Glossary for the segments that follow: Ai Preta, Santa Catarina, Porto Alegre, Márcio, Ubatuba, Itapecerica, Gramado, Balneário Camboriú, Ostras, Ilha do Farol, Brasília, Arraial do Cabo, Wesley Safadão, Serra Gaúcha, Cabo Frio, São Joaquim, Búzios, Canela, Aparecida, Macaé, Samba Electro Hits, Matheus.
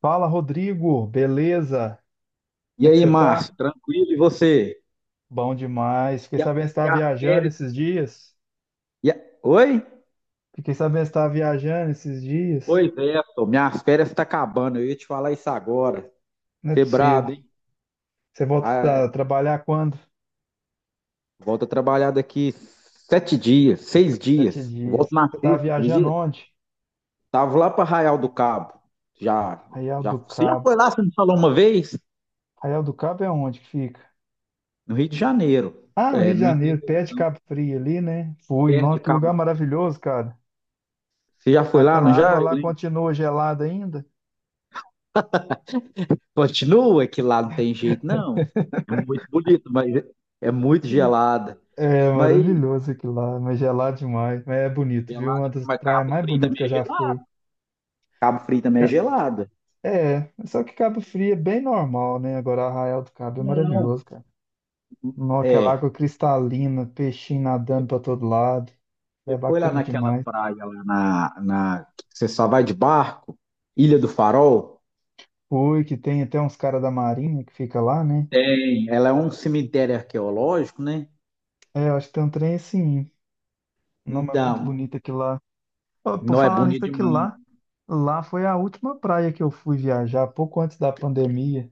Fala, Rodrigo, beleza? Como E é que aí, você tá? Márcio, tranquilo? E você? Bom demais. Fiquei E a, sabendo que você e estava a viajando férias? esses dias. e a- Oi? Fiquei sabendo que você estava viajando esses dias. Pois é, pô, minhas férias estão acabando. Eu ia te falar isso agora. Não é Você é possível. brabo, hein? Você volta Ah, a trabalhar quando? volto a trabalhar daqui 7 dias, seis Sete dias. Volto dias. na Você estava sexta, viajando acredita? onde? Tava lá para Arraial do Cabo. Já, Arraial já, do você já Cabo. foi lá? Você me falou uma vez? Arraial do Cabo é onde que fica? No Rio de Janeiro, Ah, no é, Rio de no Janeiro, interior, pé de Cabo Frio ali, né? Fui, perto nossa, de que lugar Cabo. maravilhoso, cara. Você já foi lá, Aquela não água já? lá continua gelada ainda? Continua que lá não tem jeito, não. É muito bonito, mas é muito gelada. É Mas maravilhoso aquilo lá, mas gelado demais. Mas é bonito, viu? Uma gelada, das mas praias Cabo mais Frio bonitas também que eu é já fui. gelado. Cabo Frio também é Ca- gelada. É, só que Cabo Frio é bem normal, né? Agora Arraial do Cabo é Não. maravilhoso, cara. Não, aquela É. água cristalina, peixinho nadando pra todo lado. Você É foi lá bacana naquela demais. praia lá na que você só vai de barco? Ilha do Farol? Fui, que tem até uns caras da Marinha que fica lá, né? Tem. Ela é um cemitério arqueológico, né? É, eu acho que tem um trem assim. Não, mas é muito Então, bonito aquilo lá. Ó, por não é falar bonito nisso, aquilo demais. lá, lá foi a última praia que eu fui viajar, pouco antes da pandemia.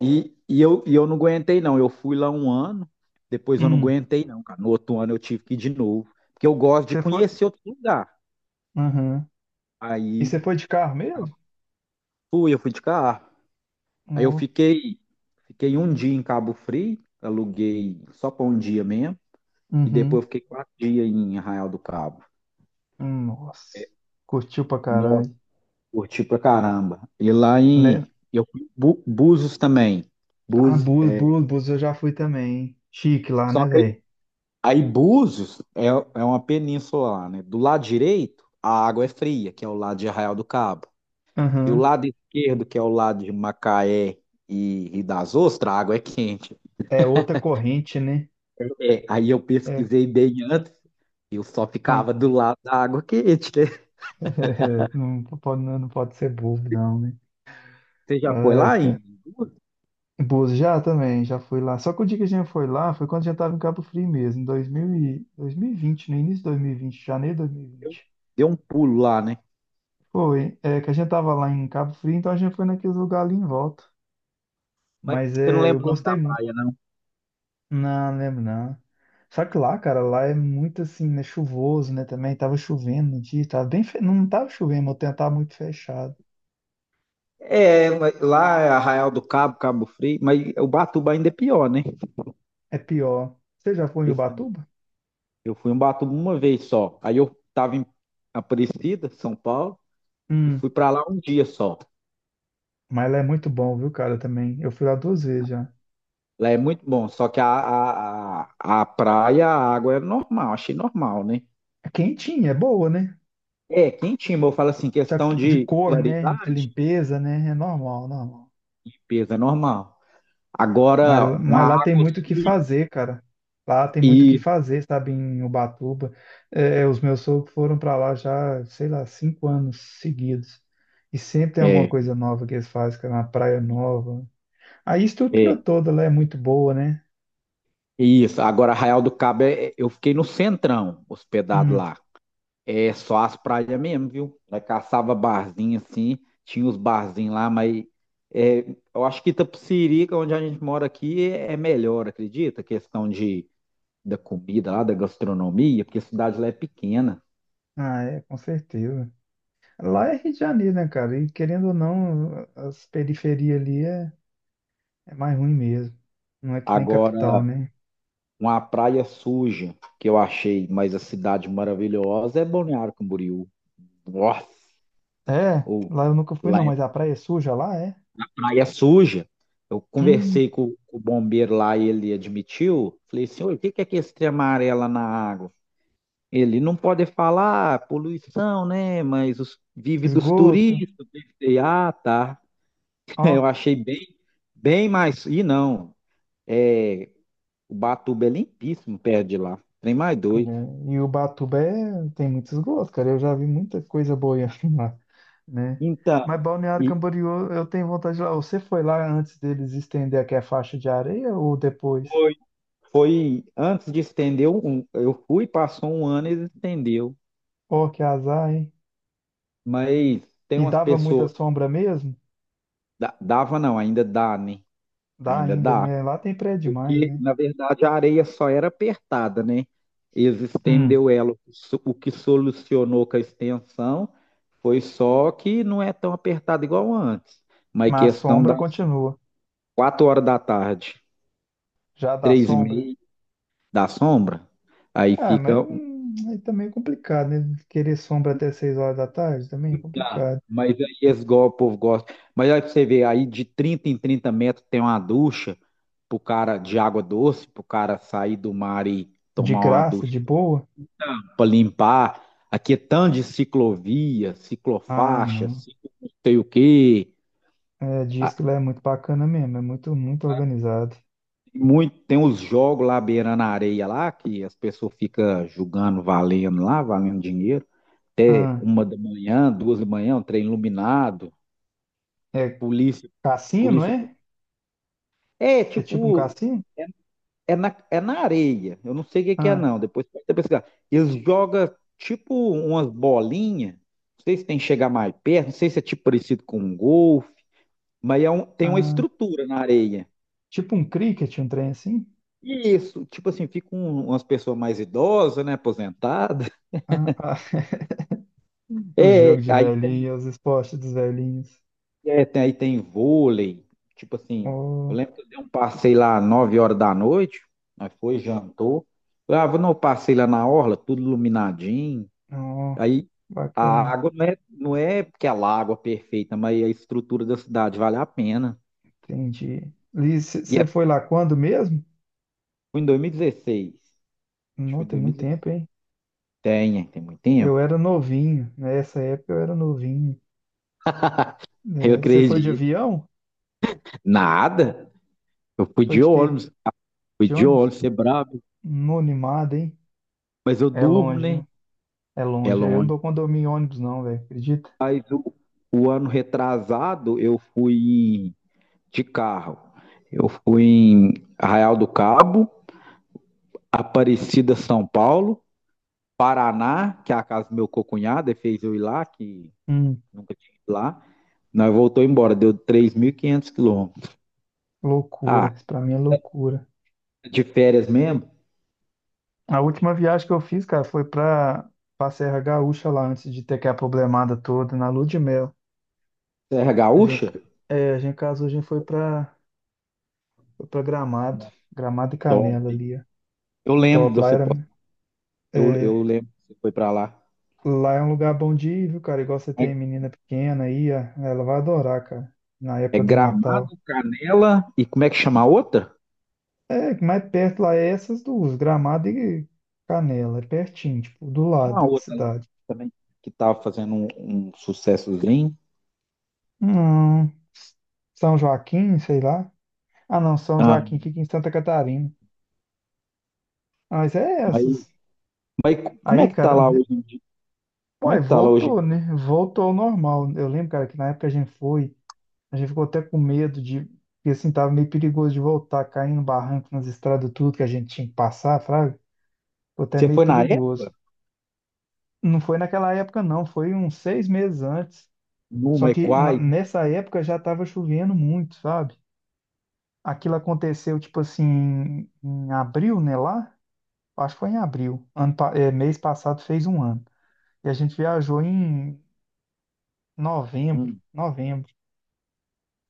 E eu não aguentei, não. Eu fui lá um ano, depois eu não Hum. aguentei, não, cara. No outro ano eu tive que ir de novo. Porque eu gosto de Você foi? conhecer outro lugar. Uhum. E você Aí foi de carro mesmo? eu fui de carro. Aí eu Nó. fiquei um dia em Cabo Frio, aluguei só para um dia mesmo. E Uhum. depois eu fiquei 4 dias em Arraial do Cabo. Nossa. Curtiu pra Nossa, caralho. curti pra caramba. E lá Le... em. Eu fui em Búzios também. Ah, Búzios. Búzios, É, Búzios, Búzios eu já fui também, hein? Chique lá, né, só que velho? Aí Búzios é uma península lá, né? Do lado direito, a água é fria, que é o lado de Arraial do Cabo. E o Aham. lado esquerdo, que é o lado de Macaé e das Ostras, a água é quente. É outra corrente, né? É, aí eu É. pesquisei bem antes, eu só Ah. ficava do lado da água quente, né? Não pode, não pode ser bobo, não, né? Você já foi Ai, lá em cara. Búzios? Búzios já também, já fui lá. Só que o dia que a gente foi lá foi quando a gente tava em Cabo Frio mesmo, em 2000 e... 2020, no início de 2020, janeiro de dois mil e Eu- vinte Deu um pulo lá, né? Foi, é que a gente tava lá em Cabo Frio, então a gente foi naqueles lugares ali em volta. Mas Mas você não é, eu lembra o nome gostei da muito. praia, não? Não, não lembro não. Só que lá, cara, lá é muito assim, né? Chuvoso, né? Também tava chovendo no dia, tava bem. Não tava chovendo, mas o tempo tava muito fechado. É, mas lá é Arraial do Cabo, Cabo Frio, mas Ubatuba ainda é pior, né? É pior. Você já foi em Ubatuba? Eu fui em Ubatuba uma vez só. Aí eu estava em Aparecida, São Paulo, e Hum, fui para lá um dia só. mas lá é muito bom, viu, cara, também. Eu fui lá duas vezes já. Lá é muito bom, só que a praia, a água é normal, achei normal, né? É quentinha, é boa, né? É, quentinho, mas eu falo assim, Só questão que de de cor, né? De claridade, limpeza, né? É normal, normal. limpeza, é normal. Agora, uma Mas lá tem água muito o que suja fazer, cara. Lá tem muito o que e fazer, sabe, em Ubatuba. É, é, os meus sogros foram para lá já, sei lá, 5 anos seguidos. E sempre tem alguma é, coisa nova que eles fazem, cara, uma praia nova. A é, estrutura é toda lá é muito boa, né? isso. Agora, Arraial do Cabo, eu fiquei no centrão, hospedado Hum. lá. É só as praias mesmo, viu? Nós caçava barzinho assim, tinha os barzinhos lá, mas é, eu acho que Itapecerica, que é onde a gente mora aqui, é melhor, acredita? A questão de, da comida lá, da gastronomia, porque a cidade lá é pequena. Ah, é, com certeza. Lá é Rio de Janeiro, né, cara? E querendo ou não, as periferias ali é mais ruim mesmo. Não é que nem capital, Agora, né? uma praia suja que eu achei, mas a cidade maravilhosa é Balneário Camboriú. Nossa! É, Ou lá eu nunca fui, não, mas a praia é suja lá, é? praia suja. Eu Hum, conversei com o bombeiro lá e ele admitiu. Falei, senhor, o que que é que esse trem amarelo na água? Ele não pode falar ah, poluição, né? Mas os, vive dos esgoto. turistas. Eu pensei, ah, tá. Eu Ó, achei bem, bem mais. E não, é, o Batuba é limpíssimo perto de lá. Trem mais é, doido. e o Batuba tem muitos gostos, cara. Eu já vi muita coisa boiando lá, né? Então, Mas Balneário e Camboriú, eu tenho vontade de ir lá. Você foi lá antes deles estender aqui a faixa de areia ou depois? foi, foi antes de estender, um, eu fui, passou um ano e eles estendeu. Ó, que azar, hein? Mas tem E umas dava muita pessoas sombra mesmo? Dava não, ainda dá, né? Dá Ainda ainda, dá. né? Lá tem prédio demais, Porque, né? na verdade, a areia só era apertada, né? Eles Hum, estendeu ela. O que solucionou com a extensão foi só que não é tão apertada igual antes. Mas mas a questão sombra das continua. 4 horas da tarde, Já dá três e sombra? meia da sombra, aí Ah, mas fica. Aí também é complicado, né? Querer sombra até 6 horas da tarde também é Ah, complicado. mas aí eles, o povo gosta. Mas aí pra você vê, aí de 30 em 30 metros tem uma ducha pro cara de água doce, pro cara sair do mar e. De Tomar uma graça, ducha de boa? para limpar. Aqui é tanto de ciclovia, Ah, ciclofaixa, não. sei o quê. É, diz Ah, que lá é muito bacana mesmo, é muito, muito organizado. muito, tem uns jogos lá beirando a areia lá, que as pessoas ficam julgando, valendo lá, valendo dinheiro. Ah, 1 da manhã, 2 da manhã, um trem iluminado, é polícia, cassino, não polícia. é? É, É tipo um tipo, cassino? é, é na areia. Eu não sei o que que é, Ah, não. Depois pode até pesquisar. Eles jogam tipo umas bolinhas. Não sei se tem que chegar mais perto, não sei se é tipo parecido com um golfe. Mas tem uma ah, estrutura na areia. tipo um cricket, um trem assim? E isso, tipo assim, ficam umas pessoas mais idosas, né, aposentadas. Ah, ah, os É, jogos de aí tem, velhinho, os esportes dos velhinhos. é, aí tem vôlei, tipo assim, eu Oh, lembro que eu dei um passeio lá às 9 horas da noite, nós foi, jantou. Ah, vou não, passei lá na orla, tudo iluminadinho. oh, Aí a bacana, água não é, não é porque ela é água perfeita, mas a estrutura da cidade vale a pena. entendi. Liz, E é, você foi lá quando mesmo? foi em 2016. Acho que Não, foi em tem muito 2016. tempo, hein? Tem muito Eu tempo. era novinho, nessa época eu era novinho. Eu Você foi de acredito. avião? Nada. Eu fui Foi de de quê? ônibus, fui De de ônibus? ônibus, ser brabo, Não, animado, hein? mas eu É durmo, longe, né? é É longe. Eu não longe. dou condomínio em ônibus, não, velho. Acredita? Mas o ano retrasado eu fui de carro. Eu fui em Arraial do Cabo, Aparecida, São Paulo, Paraná, que é a casa do meu cocunhado, ele fez eu ir lá, que Hum, nunca tinha ido lá. Nós voltou embora, deu 3.500 quilômetros. loucura. Ah, Isso pra mim é loucura. de férias mesmo? A última viagem que eu fiz, cara, foi pra, Serra Gaúcha lá, antes de ter aquela problemada toda, na lua de mel. Serra A gente, Gaúcha? a gente casou, a gente foi pra Gramado. Gramado e Top, Canela hein? ali, ó. Eu lembro de Top. Você, pô. Eu é, lembro que você foi pra lá. lá é um lugar bom de ir, viu, cara? Igual você tem menina pequena aí, ó, ela vai adorar, cara. Na É época do Natal. Gramado, Canela e como é que chama a outra? É, que mais perto lá é essas duas, Gramado e Canela, é pertinho, tipo, do Tem lado uma da outra lá cidade. também que tá fazendo um sucessozinho. Não, São Joaquim, sei lá. Ah, não, São Ah, Joaquim fica em Santa Catarina. Ah, mas é mas, essas. mas como é Aí, que tá cara, lá hoje em dia? pô, Como é aí que tá lá hoje em voltou, dia? né? Voltou ao normal. Eu lembro, cara, que na época a gente ficou até com medo porque assim, tava meio perigoso de voltar, caindo no barranco nas estradas, tudo que a gente tinha que passar, fraga. Ficou até Você meio foi na perigoso. época? Não foi naquela época, não, foi uns 6 meses antes. Só Numa e que quais? nessa época já estava chovendo muito, sabe? Aquilo aconteceu, tipo assim, em abril, né? Lá, acho que foi em abril. É, mês passado fez um ano. E a gente viajou em novembro, Hum, novembro.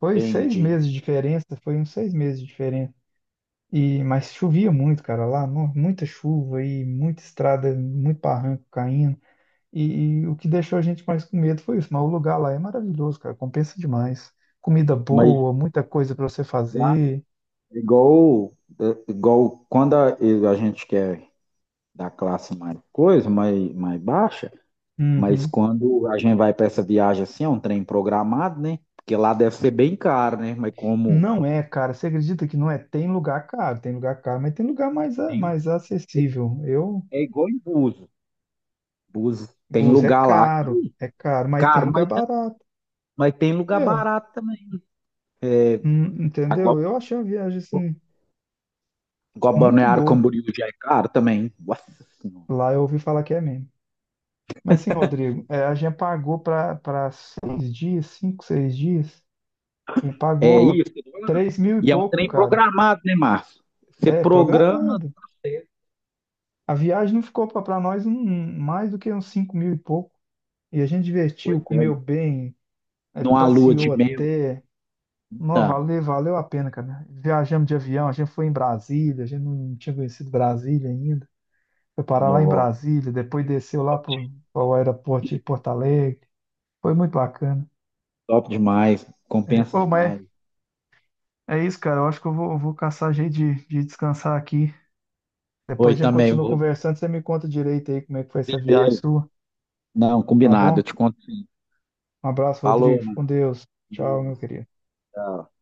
Foi seis entendi. meses de diferença, foi uns 6 meses de diferença. E, mas chovia muito, cara, lá, muita chuva e muita estrada, muito barranco caindo. E, e o que deixou a gente mais com medo foi isso. Mas o lugar lá é maravilhoso, cara. Compensa demais. Comida Mas boa, muita coisa para você já fazer. é igual, é igual quando a gente quer da classe mais coisa, mais baixa, mas Uhum. quando a gente vai para essa viagem assim, é um trem programado, né? Porque lá deve ser bem caro, né? Mas como Não é, cara. Você acredita que não é? Tem lugar caro, mas tem lugar mais, tem, mais acessível. Eu, é igual em Búzios. Búzios tem bus lugar lá que, é caro, mas tem caro, lugar mas, tem- barato. mas tem lugar Eu, barato também. Entendeu? Agora, Eu achei a viagem assim igual muito Balneário boa. Camboriú já é caro também. Nossa Senhora. Lá eu ouvi falar que é mesmo. Mas sim, Rodrigo, é, a gente pagou para 6 dias, cinco, 6 dias. Me É pagou isso que eu tô falando. 3 mil e E é um pouco, trem cara. programado, né, Márcio? Você É, programa, programado. tá certo. A viagem não ficou para nós um, mais do que uns 5 mil e pouco. E a gente divertiu, Pois é. comeu bem, é, Numa lua de passeou mel. até. Não, Então, valeu, valeu a pena, cara. Viajamos de avião, a gente foi em Brasília, a gente não tinha conhecido Brasília ainda. Foi parar lá em no, Brasília, depois desceu lá para o aeroporto de Porto Alegre. Foi muito bacana. top demais, É, compensa ô, mas demais. é isso, cara. Eu acho que eu vou caçar jeito de descansar aqui. Depois Oi, a gente também. continua conversando, você me conta direito aí como é que foi essa viagem Beleza. sua, Não, tá combinado, bom? eu te conto sim. Um abraço, Falou, Rodrigo. Fica com Deus. Tchau, Matheus. meu querido. Tchau.